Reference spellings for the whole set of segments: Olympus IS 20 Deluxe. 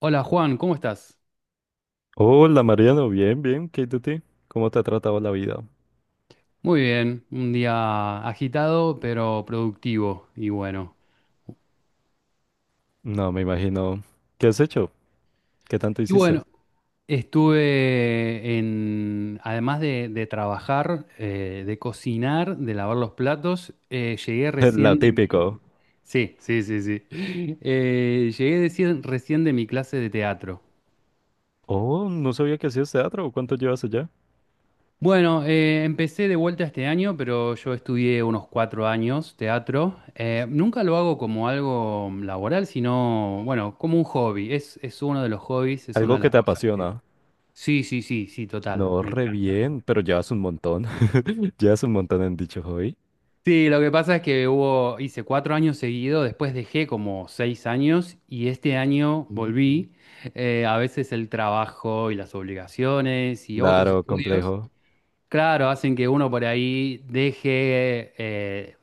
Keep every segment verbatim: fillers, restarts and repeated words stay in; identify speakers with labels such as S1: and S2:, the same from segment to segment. S1: Hola Juan, ¿cómo estás?
S2: Hola Mariano, bien, bien, ¿qué hay de ti? ¿Cómo te ha tratado la vida?
S1: Muy bien, un día agitado pero productivo y bueno.
S2: No, me imagino. ¿Qué has hecho? ¿Qué tanto
S1: Y
S2: hiciste?
S1: bueno, estuve en, además de, de trabajar, eh, de cocinar, de lavar los platos, eh, llegué
S2: Lo
S1: recién de mi...
S2: típico.
S1: Sí, sí, sí, sí. Eh, llegué recién recién de mi clase de teatro.
S2: Oh, no sabía que hacías teatro. ¿Cuánto llevas allá?
S1: Bueno, eh, empecé de vuelta este año, pero yo estudié unos cuatro años teatro. Eh, nunca lo hago como algo laboral, sino, bueno, como un hobby. Es, es uno de los hobbies, es una
S2: Algo
S1: de
S2: que
S1: las
S2: te
S1: cosas que...
S2: apasiona.
S1: Sí, sí, sí, sí, total,
S2: No,
S1: me
S2: re
S1: encanta.
S2: bien, pero llevas un montón. Llevas un montón en dicho hobby.
S1: Sí, lo que pasa es que hubo, hice cuatro años seguidos, después dejé como seis años y este año
S2: Mm.
S1: volví. Eh, a veces el trabajo y las obligaciones y otros
S2: Claro,
S1: estudios.
S2: complejo.
S1: Claro, hacen que uno por ahí deje eh,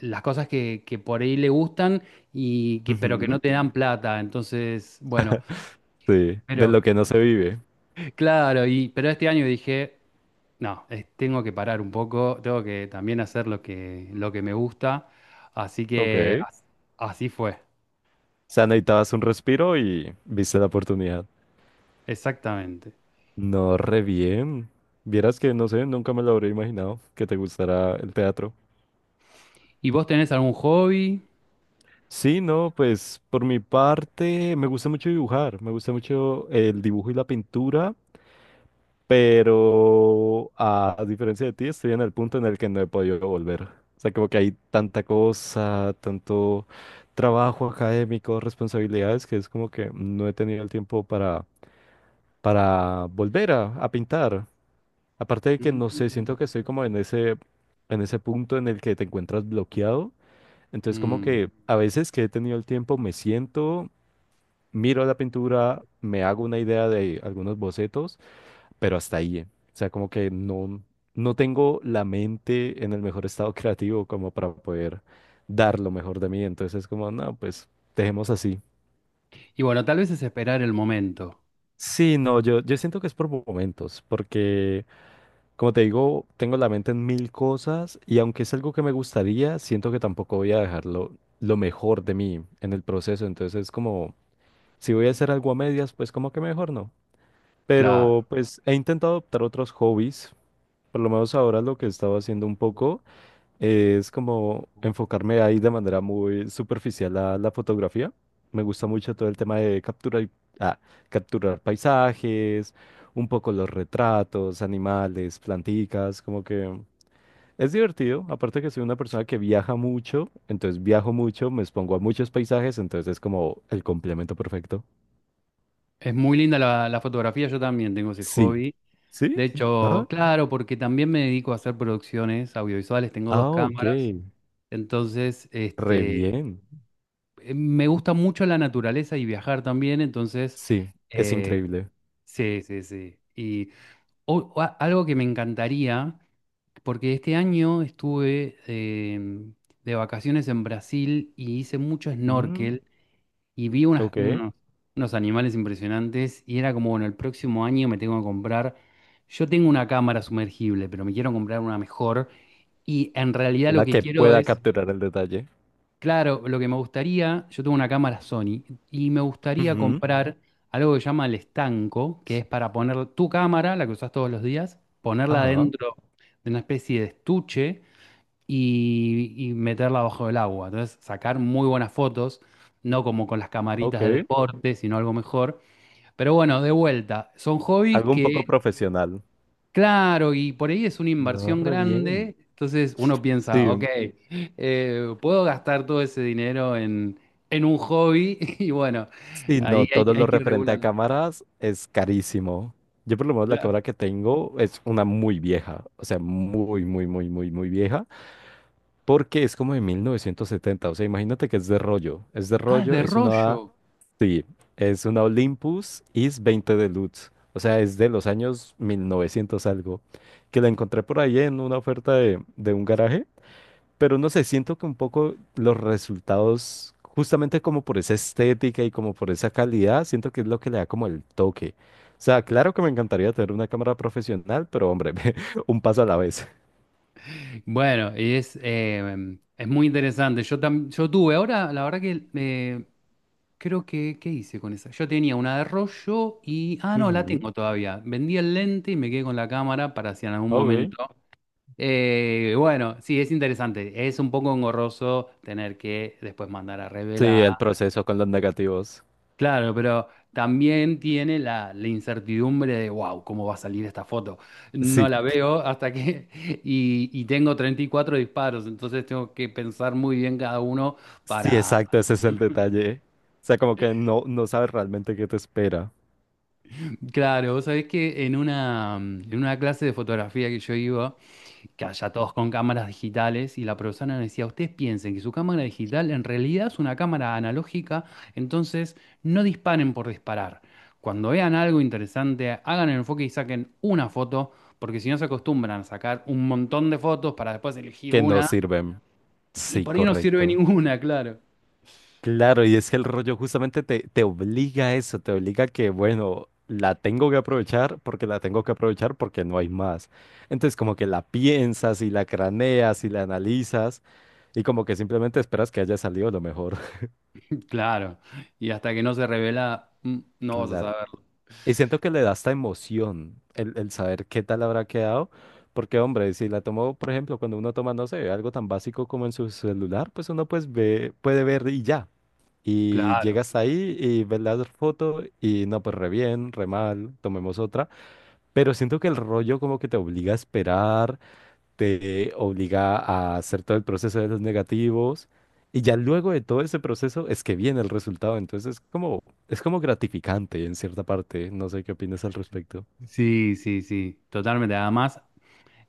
S1: las cosas que, que por ahí le gustan y que, pero que
S2: Ujú.
S1: no te dan plata. Entonces, bueno,
S2: Sí, de
S1: pero
S2: lo que no se vive.
S1: claro, y pero este año dije, no, es- tengo que parar un poco, tengo que también hacer lo que, lo que me gusta. Así
S2: Ok.
S1: que
S2: O
S1: as- así fue,
S2: sea, necesitabas un respiro y viste la oportunidad.
S1: exactamente.
S2: No, re bien. Vieras que, no sé, nunca me lo habría imaginado que te gustara el teatro.
S1: ¿Y vos tenés algún hobby?
S2: Sí, no, pues por mi parte me gusta mucho dibujar, me gusta mucho el dibujo y la pintura, pero a, a diferencia de ti estoy en el punto en el que no he podido volver. O sea, como que hay tanta cosa, tanto trabajo académico, responsabilidades, que es como que no he tenido el tiempo para, para volver a, a pintar. Aparte de que no sé, siento que
S1: Mm.
S2: estoy como en ese, en ese punto en el que te encuentras bloqueado. Entonces como que
S1: Mm.
S2: a veces que he tenido el tiempo me siento miro la pintura, me hago una idea de algunos bocetos, pero hasta ahí. eh. O sea, como que no, no tengo la mente en el mejor estado creativo como para poder dar lo mejor de mí. Entonces es como, no, pues dejemos así.
S1: Y bueno, tal vez es esperar el momento.
S2: Sí, no, yo, yo siento que es por momentos, porque como te digo, tengo la mente en mil cosas y aunque es algo que me gustaría, siento que tampoco voy a dejarlo lo mejor de mí en el proceso. Entonces es como, si voy a hacer algo a medias, pues como que mejor no. Pero
S1: Claro.
S2: pues he intentado adoptar otros hobbies. Por lo menos ahora lo que he estado haciendo un poco es como enfocarme ahí de manera muy superficial a la fotografía. Me gusta mucho todo el tema de capturar, y- ah, capturar paisajes, un poco los retratos, animales, planticas, como que es divertido. Aparte que soy una persona que viaja mucho, entonces viajo mucho, me expongo a muchos paisajes, entonces es como el complemento perfecto.
S1: Es muy linda la, la fotografía, yo también tengo ese
S2: Sí.
S1: hobby.
S2: ¿Sí?
S1: De
S2: Ah,
S1: hecho, claro, porque también me dedico a hacer producciones audiovisuales, tengo dos
S2: ah, ok.
S1: cámaras, entonces
S2: Re
S1: este,
S2: bien.
S1: eh, me gusta mucho la naturaleza y viajar también, entonces,
S2: Sí, es
S1: eh,
S2: increíble.
S1: sí, sí, sí. Y o- o a- algo que me encantaría, porque este año estuve eh, de vacaciones en Brasil y hice mucho
S2: Mm,
S1: snorkel y vi unas-
S2: ok.
S1: unos, unos animales impresionantes y era como, bueno, el próximo año me tengo que comprar, yo tengo una cámara sumergible, pero me quiero comprar una mejor y en realidad lo
S2: Una
S1: que
S2: que
S1: quiero
S2: pueda
S1: es,
S2: capturar el detalle.
S1: claro, lo que me gustaría, yo tengo una cámara Sony y me gustaría
S2: Ujú.
S1: comprar algo que se llama el estanco, que es para poner tu cámara, la que usas todos los días, ponerla
S2: Ajá.
S1: dentro de una especie de estuche y, y meterla bajo el agua. Entonces, sacar muy buenas fotos, no como con las camaritas de
S2: Ok.
S1: deporte, sino algo mejor. Pero bueno, de vuelta, son hobbies
S2: Algo un
S1: que,
S2: poco profesional.
S1: claro, y por ahí es una
S2: No,
S1: inversión
S2: re bien.
S1: grande. Entonces uno piensa, ok,
S2: Sí.
S1: eh, puedo gastar todo ese dinero en, en un hobby y bueno,
S2: Sí,
S1: ahí
S2: no,
S1: hay,
S2: todo
S1: hay
S2: lo
S1: que ir
S2: referente a
S1: regulando.
S2: cámaras es carísimo. Yo por lo menos la
S1: Claro.
S2: cámara que tengo es una muy vieja. O sea, muy, muy, muy, muy, muy vieja. Porque es como de mil novecientos setenta. O sea, imagínate que es de rollo. Es de
S1: Ah, es
S2: rollo,
S1: de
S2: es una
S1: rollo.
S2: Sí, es una Olympus I S veinte Deluxe. O sea, es de los años mil novecientos algo. Que la encontré por ahí en una oferta de, de un garaje. Pero no sé, siento que un poco los resultados, justamente como por esa estética y como por esa calidad, siento que es lo que le da como el toque. O sea, claro que me encantaría tener una cámara profesional, pero hombre, un paso a la vez.
S1: Bueno, y es, eh, es muy interesante. Yo, tam- yo tuve, ahora la verdad que eh, creo que, ¿qué hice con esa? Yo tenía una de rollo y, ah, no, la
S2: Ujú,
S1: tengo todavía. Vendí el lente y me quedé con la cámara para si en algún
S2: ok.
S1: momento. Eh, bueno, sí, es interesante. Es un poco engorroso tener que después mandar a
S2: Sí, el
S1: revelar.
S2: proceso con los negativos.
S1: Claro, pero también tiene la, la incertidumbre de, wow, ¿cómo va a salir esta foto? No
S2: Sí,
S1: la veo hasta que... Y, y tengo treinta y cuatro disparos, entonces tengo que pensar muy bien cada uno
S2: sí,
S1: para...
S2: exacto, ese es el detalle. O sea, como que no, no sabes realmente qué te espera,
S1: Claro, vos sabés que en una, en una clase de fotografía que yo iba, que haya todos con cámaras digitales y la profesora nos decía, ustedes piensen que su cámara digital en realidad es una cámara analógica, entonces no disparen por disparar. Cuando vean algo interesante, hagan el enfoque y saquen una foto, porque si no se acostumbran a sacar un montón de fotos para después elegir
S2: que no
S1: una
S2: sirven.
S1: y
S2: Sí,
S1: por ahí no sirve
S2: correcto.
S1: ninguna, claro.
S2: Claro, y es que el rollo justamente te, te obliga a eso, te obliga a que, bueno, la tengo que aprovechar porque la tengo que aprovechar porque no hay más. Entonces, como que la piensas y la craneas y la analizas y como que simplemente esperas que haya salido lo mejor.
S1: Claro, y hasta que no se revela, mm, no vas a saberlo.
S2: Y siento que le da esta emoción el, el saber qué tal habrá quedado, porque hombre, si la tomo por ejemplo, cuando uno toma, no sé, algo tan básico como en su celular, pues uno pues ve, puede ver y ya. Y
S1: Claro.
S2: llegas ahí y ves la foto y no, pues re bien, re mal, tomemos otra. Pero siento que el rollo como que te obliga a esperar te obliga a hacer todo el proceso de los negativos y ya luego de todo ese proceso es que viene el resultado, entonces es como, es como gratificante en cierta parte, no sé qué opinas al respecto.
S1: Sí, sí, sí, totalmente. Además,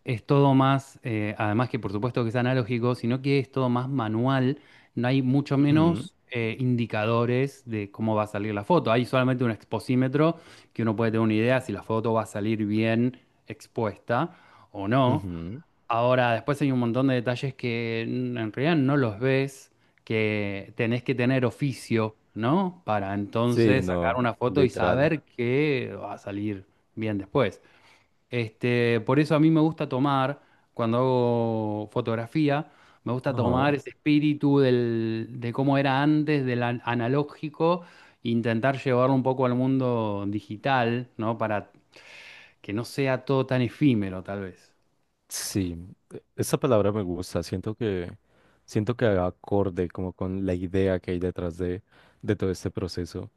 S1: es todo más, eh, además que por supuesto que es analógico, sino que es todo más manual, no hay mucho
S2: Ujú,
S1: menos eh, indicadores de cómo va a salir la foto, hay solamente un exposímetro que uno puede tener una idea si la foto va a salir bien expuesta o no.
S2: ujú.
S1: Ahora, después hay un montón de detalles que en en realidad no los ves, que tenés que tener oficio, ¿no? Para
S2: Sí,
S1: entonces sacar
S2: no,
S1: una foto y
S2: literal.
S1: saber que va a salir bien después. Este, por eso a mí me gusta tomar, cuando hago fotografía, me gusta
S2: Ajá.
S1: tomar ese espíritu del- de cómo era antes, del an- analógico, e intentar llevarlo un poco al mundo digital, ¿no? Para que no sea todo tan efímero, tal vez.
S2: Sí, e- esa palabra me gusta, siento que siento que haga acorde como con la idea que hay detrás de, de todo este proceso.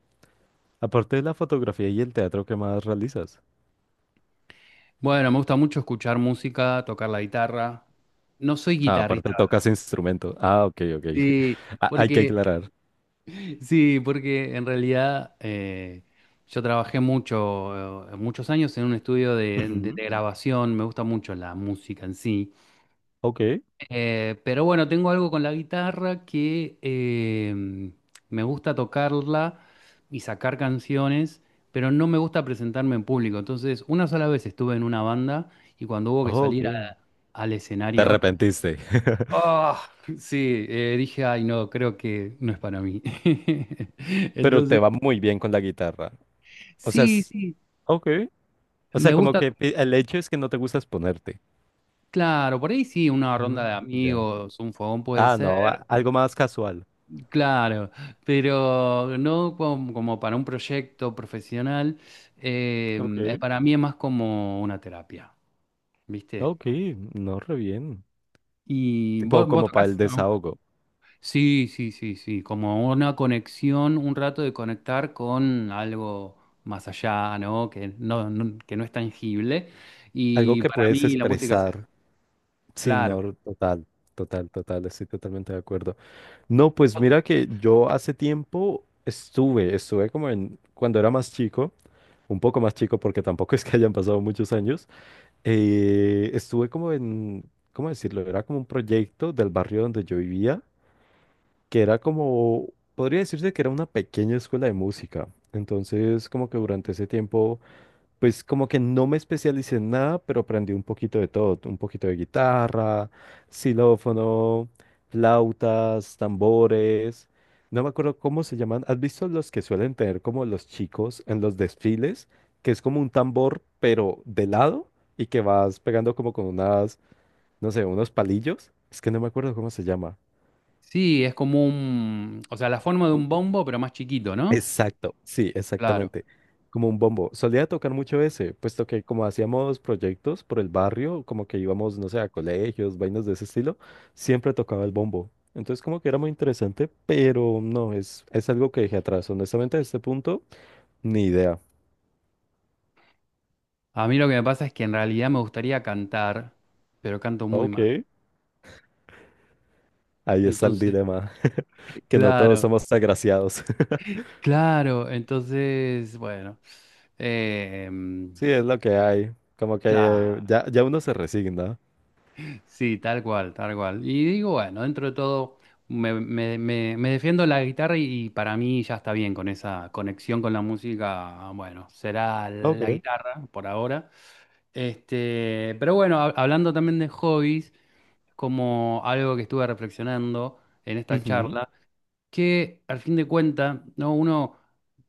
S2: Aparte de la fotografía y el teatro, ¿qué más realizas?
S1: Bueno, me gusta mucho escuchar música, tocar la guitarra. No soy
S2: Ah, aparte tocas
S1: guitarrista,
S2: instrumento. Ah, ok, ok.
S1: sí,
S2: Ah, hay que
S1: porque
S2: aclarar.
S1: sí, porque en realidad eh, yo trabajé mucho, eh, muchos años en un estudio de, de-
S2: Ujú.
S1: de grabación, me gusta mucho la música en sí.
S2: Ok,
S1: Eh, pero bueno, tengo algo con la guitarra que eh, me gusta tocarla y sacar canciones, pero no me gusta presentarme en público. Entonces, una sola vez estuve en una banda y cuando hubo que
S2: oh, ok.
S1: salir a- al
S2: Te
S1: escenario,
S2: arrepentiste,
S1: ah, sí, eh, dije, ay, no, creo que no es para mí.
S2: pero te
S1: Entonces...
S2: va muy bien con la guitarra. O sea,
S1: Sí,
S2: es.
S1: sí,
S2: Ok. O
S1: me
S2: sea, como
S1: gusta,
S2: que pi- el hecho es que no te gusta exponerte.
S1: claro, por ahí sí, una ronda de
S2: Mm, ya.
S1: amigos, un fogón puede
S2: Ah, no, a-
S1: ser,
S2: algo más casual.
S1: claro, pero no como, como para un proyecto profesional, eh, es-
S2: Ok.
S1: para mí es más como una terapia, ¿viste?
S2: Ok, no, re bien.
S1: ¿Y vos,
S2: Tipo
S1: vos
S2: como para el
S1: tocás? ¿No?
S2: desahogo.
S1: Sí, sí, sí, sí, como una conexión, un rato de conectar con algo más allá, ¿no? Que no, no- que no es tangible,
S2: Algo
S1: y
S2: que
S1: para
S2: puedes
S1: mí la música es eso,
S2: expresar. Sí,
S1: claro.
S2: no, total, total, total, estoy totalmente de acuerdo. No, pues mira que yo hace tiempo estuve, estuve como en, cuando era más chico, un poco más chico porque tampoco es que hayan pasado muchos años, eh, estuve como en, ¿cómo decirlo? Era como un proyecto del barrio donde yo vivía, que era como, podría decirse que era una pequeña escuela de música. Entonces, como que durante ese tiempo pues como que no me especialicé en nada, pero aprendí un poquito de todo, un poquito de guitarra, xilófono, flautas, tambores. No me acuerdo cómo se llaman. ¿Has visto los que suelen tener como los chicos en los desfiles? Que es como un tambor, pero de lado y que vas pegando como con unas, no sé, unos palillos. Es que no me acuerdo cómo se llama.
S1: Sí, es como un, o sea, la forma de un bombo, pero más chiquito, ¿no?
S2: Exacto, sí,
S1: Claro.
S2: exactamente. Como un bombo. Solía tocar mucho ese, puesto que como hacíamos proyectos por el barrio, como que íbamos, no sé, a colegios, vainas de ese estilo, siempre tocaba el bombo. Entonces como que era muy interesante, pero no, es, es algo que dejé atrás. Honestamente, a este punto, ni idea.
S1: A mí lo que me pasa es que en realidad me gustaría cantar, pero canto muy
S2: Ok.
S1: mal.
S2: Ahí está el
S1: Entonces,
S2: dilema, que no todos
S1: claro,
S2: somos agraciados.
S1: claro, entonces, bueno, eh,
S2: Sí, es lo que hay. Como que
S1: claro,
S2: ya, ya uno se resigna.
S1: sí, tal cual, tal cual. Y digo, bueno, dentro de todo me, me- me- me defiendo la guitarra y, para mí ya está bien con esa conexión con la música. Bueno, será
S2: Ok.
S1: la guitarra por ahora. Este, pero bueno, hab- hablando también de hobbies, como algo que estuve reflexionando en esta
S2: Ujú.
S1: charla, que al fin de cuentas, ¿no? Uno,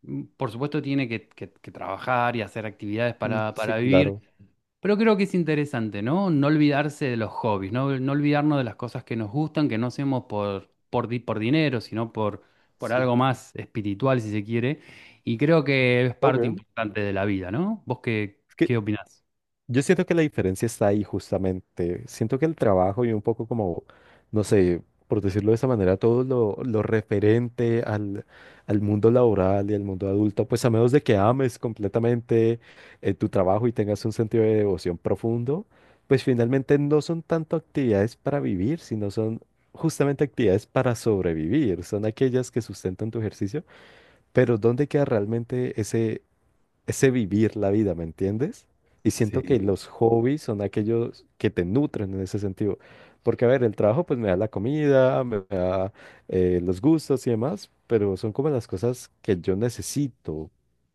S1: mm, por supuesto, tiene que, que- que trabajar y hacer actividades
S2: Mm,
S1: para,
S2: sí,
S1: para
S2: claro.
S1: vivir, pero creo que es interesante, ¿no? No olvidarse de los hobbies, no, no olvidarnos de las cosas que nos gustan, que no hacemos por, por, di- por dinero, sino por, por
S2: Sí.
S1: algo más espiritual, si se quiere. Y creo que es
S2: Ok.
S1: parte importante de la vida, ¿no? ¿Vos qué, qué opinás?
S2: Yo siento que la diferencia está ahí justamente. Siento que el trabajo y un poco como, no sé, por decirlo de esa manera, todo lo, lo referente al, al mundo laboral y al mundo adulto, pues a menos de que ames completamente eh, tu trabajo y tengas un sentido de devoción profundo, pues finalmente no son tanto actividades para vivir, sino son justamente actividades para sobrevivir. Son aquellas que sustentan tu ejercicio, pero ¿dónde queda realmente ese ese vivir la vida? ¿Me entiendes? Y siento que
S1: Sí.
S2: los hobbies son aquellos que te nutren en ese sentido. Porque, a ver, el trabajo pues me da la comida, me da eh, los gustos y demás, pero son como las cosas que yo necesito.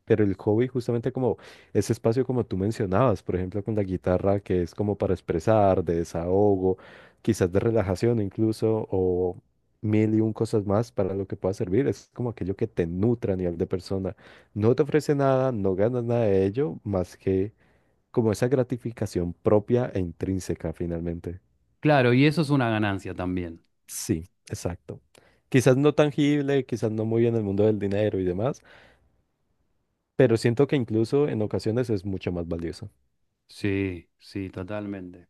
S2: Pero el hobby justamente como ese espacio como tú mencionabas, por ejemplo, con la guitarra, que es como para expresar, de desahogo, quizás de relajación incluso, o mil y un cosas más para lo que pueda servir, es como aquello que te nutra a nivel de persona. No te ofrece nada, no ganas nada de ello, más que como esa gratificación propia e intrínseca finalmente.
S1: Claro, y eso es una ganancia también.
S2: Sí, exacto. Quizás no tangible, quizás no muy en el mundo del dinero y demás, pero siento que incluso en ocasiones es mucho más valioso.
S1: Sí, sí, totalmente.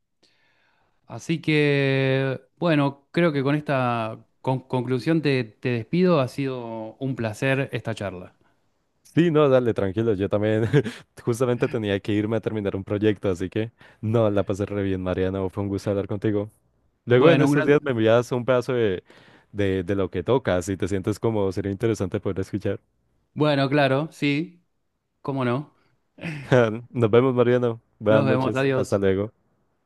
S1: Así que, bueno, creo que con esta con- conclusión te, te despido. Ha sido un placer esta charla.
S2: Sí, no, dale, tranquilo, yo también justamente tenía que irme a terminar un proyecto, así que no, la pasé re bien, Mariano, fue un gusto hablar contigo. Luego en
S1: Bueno, un
S2: estos
S1: gran...
S2: días me envías un pedazo de, de, de lo que tocas y te sientes como sería interesante poder escuchar.
S1: Bueno, claro, sí. ¿Cómo no?
S2: Nos vemos, Mariano. Buenas
S1: Nos vemos,
S2: noches. Hasta
S1: adiós.
S2: luego.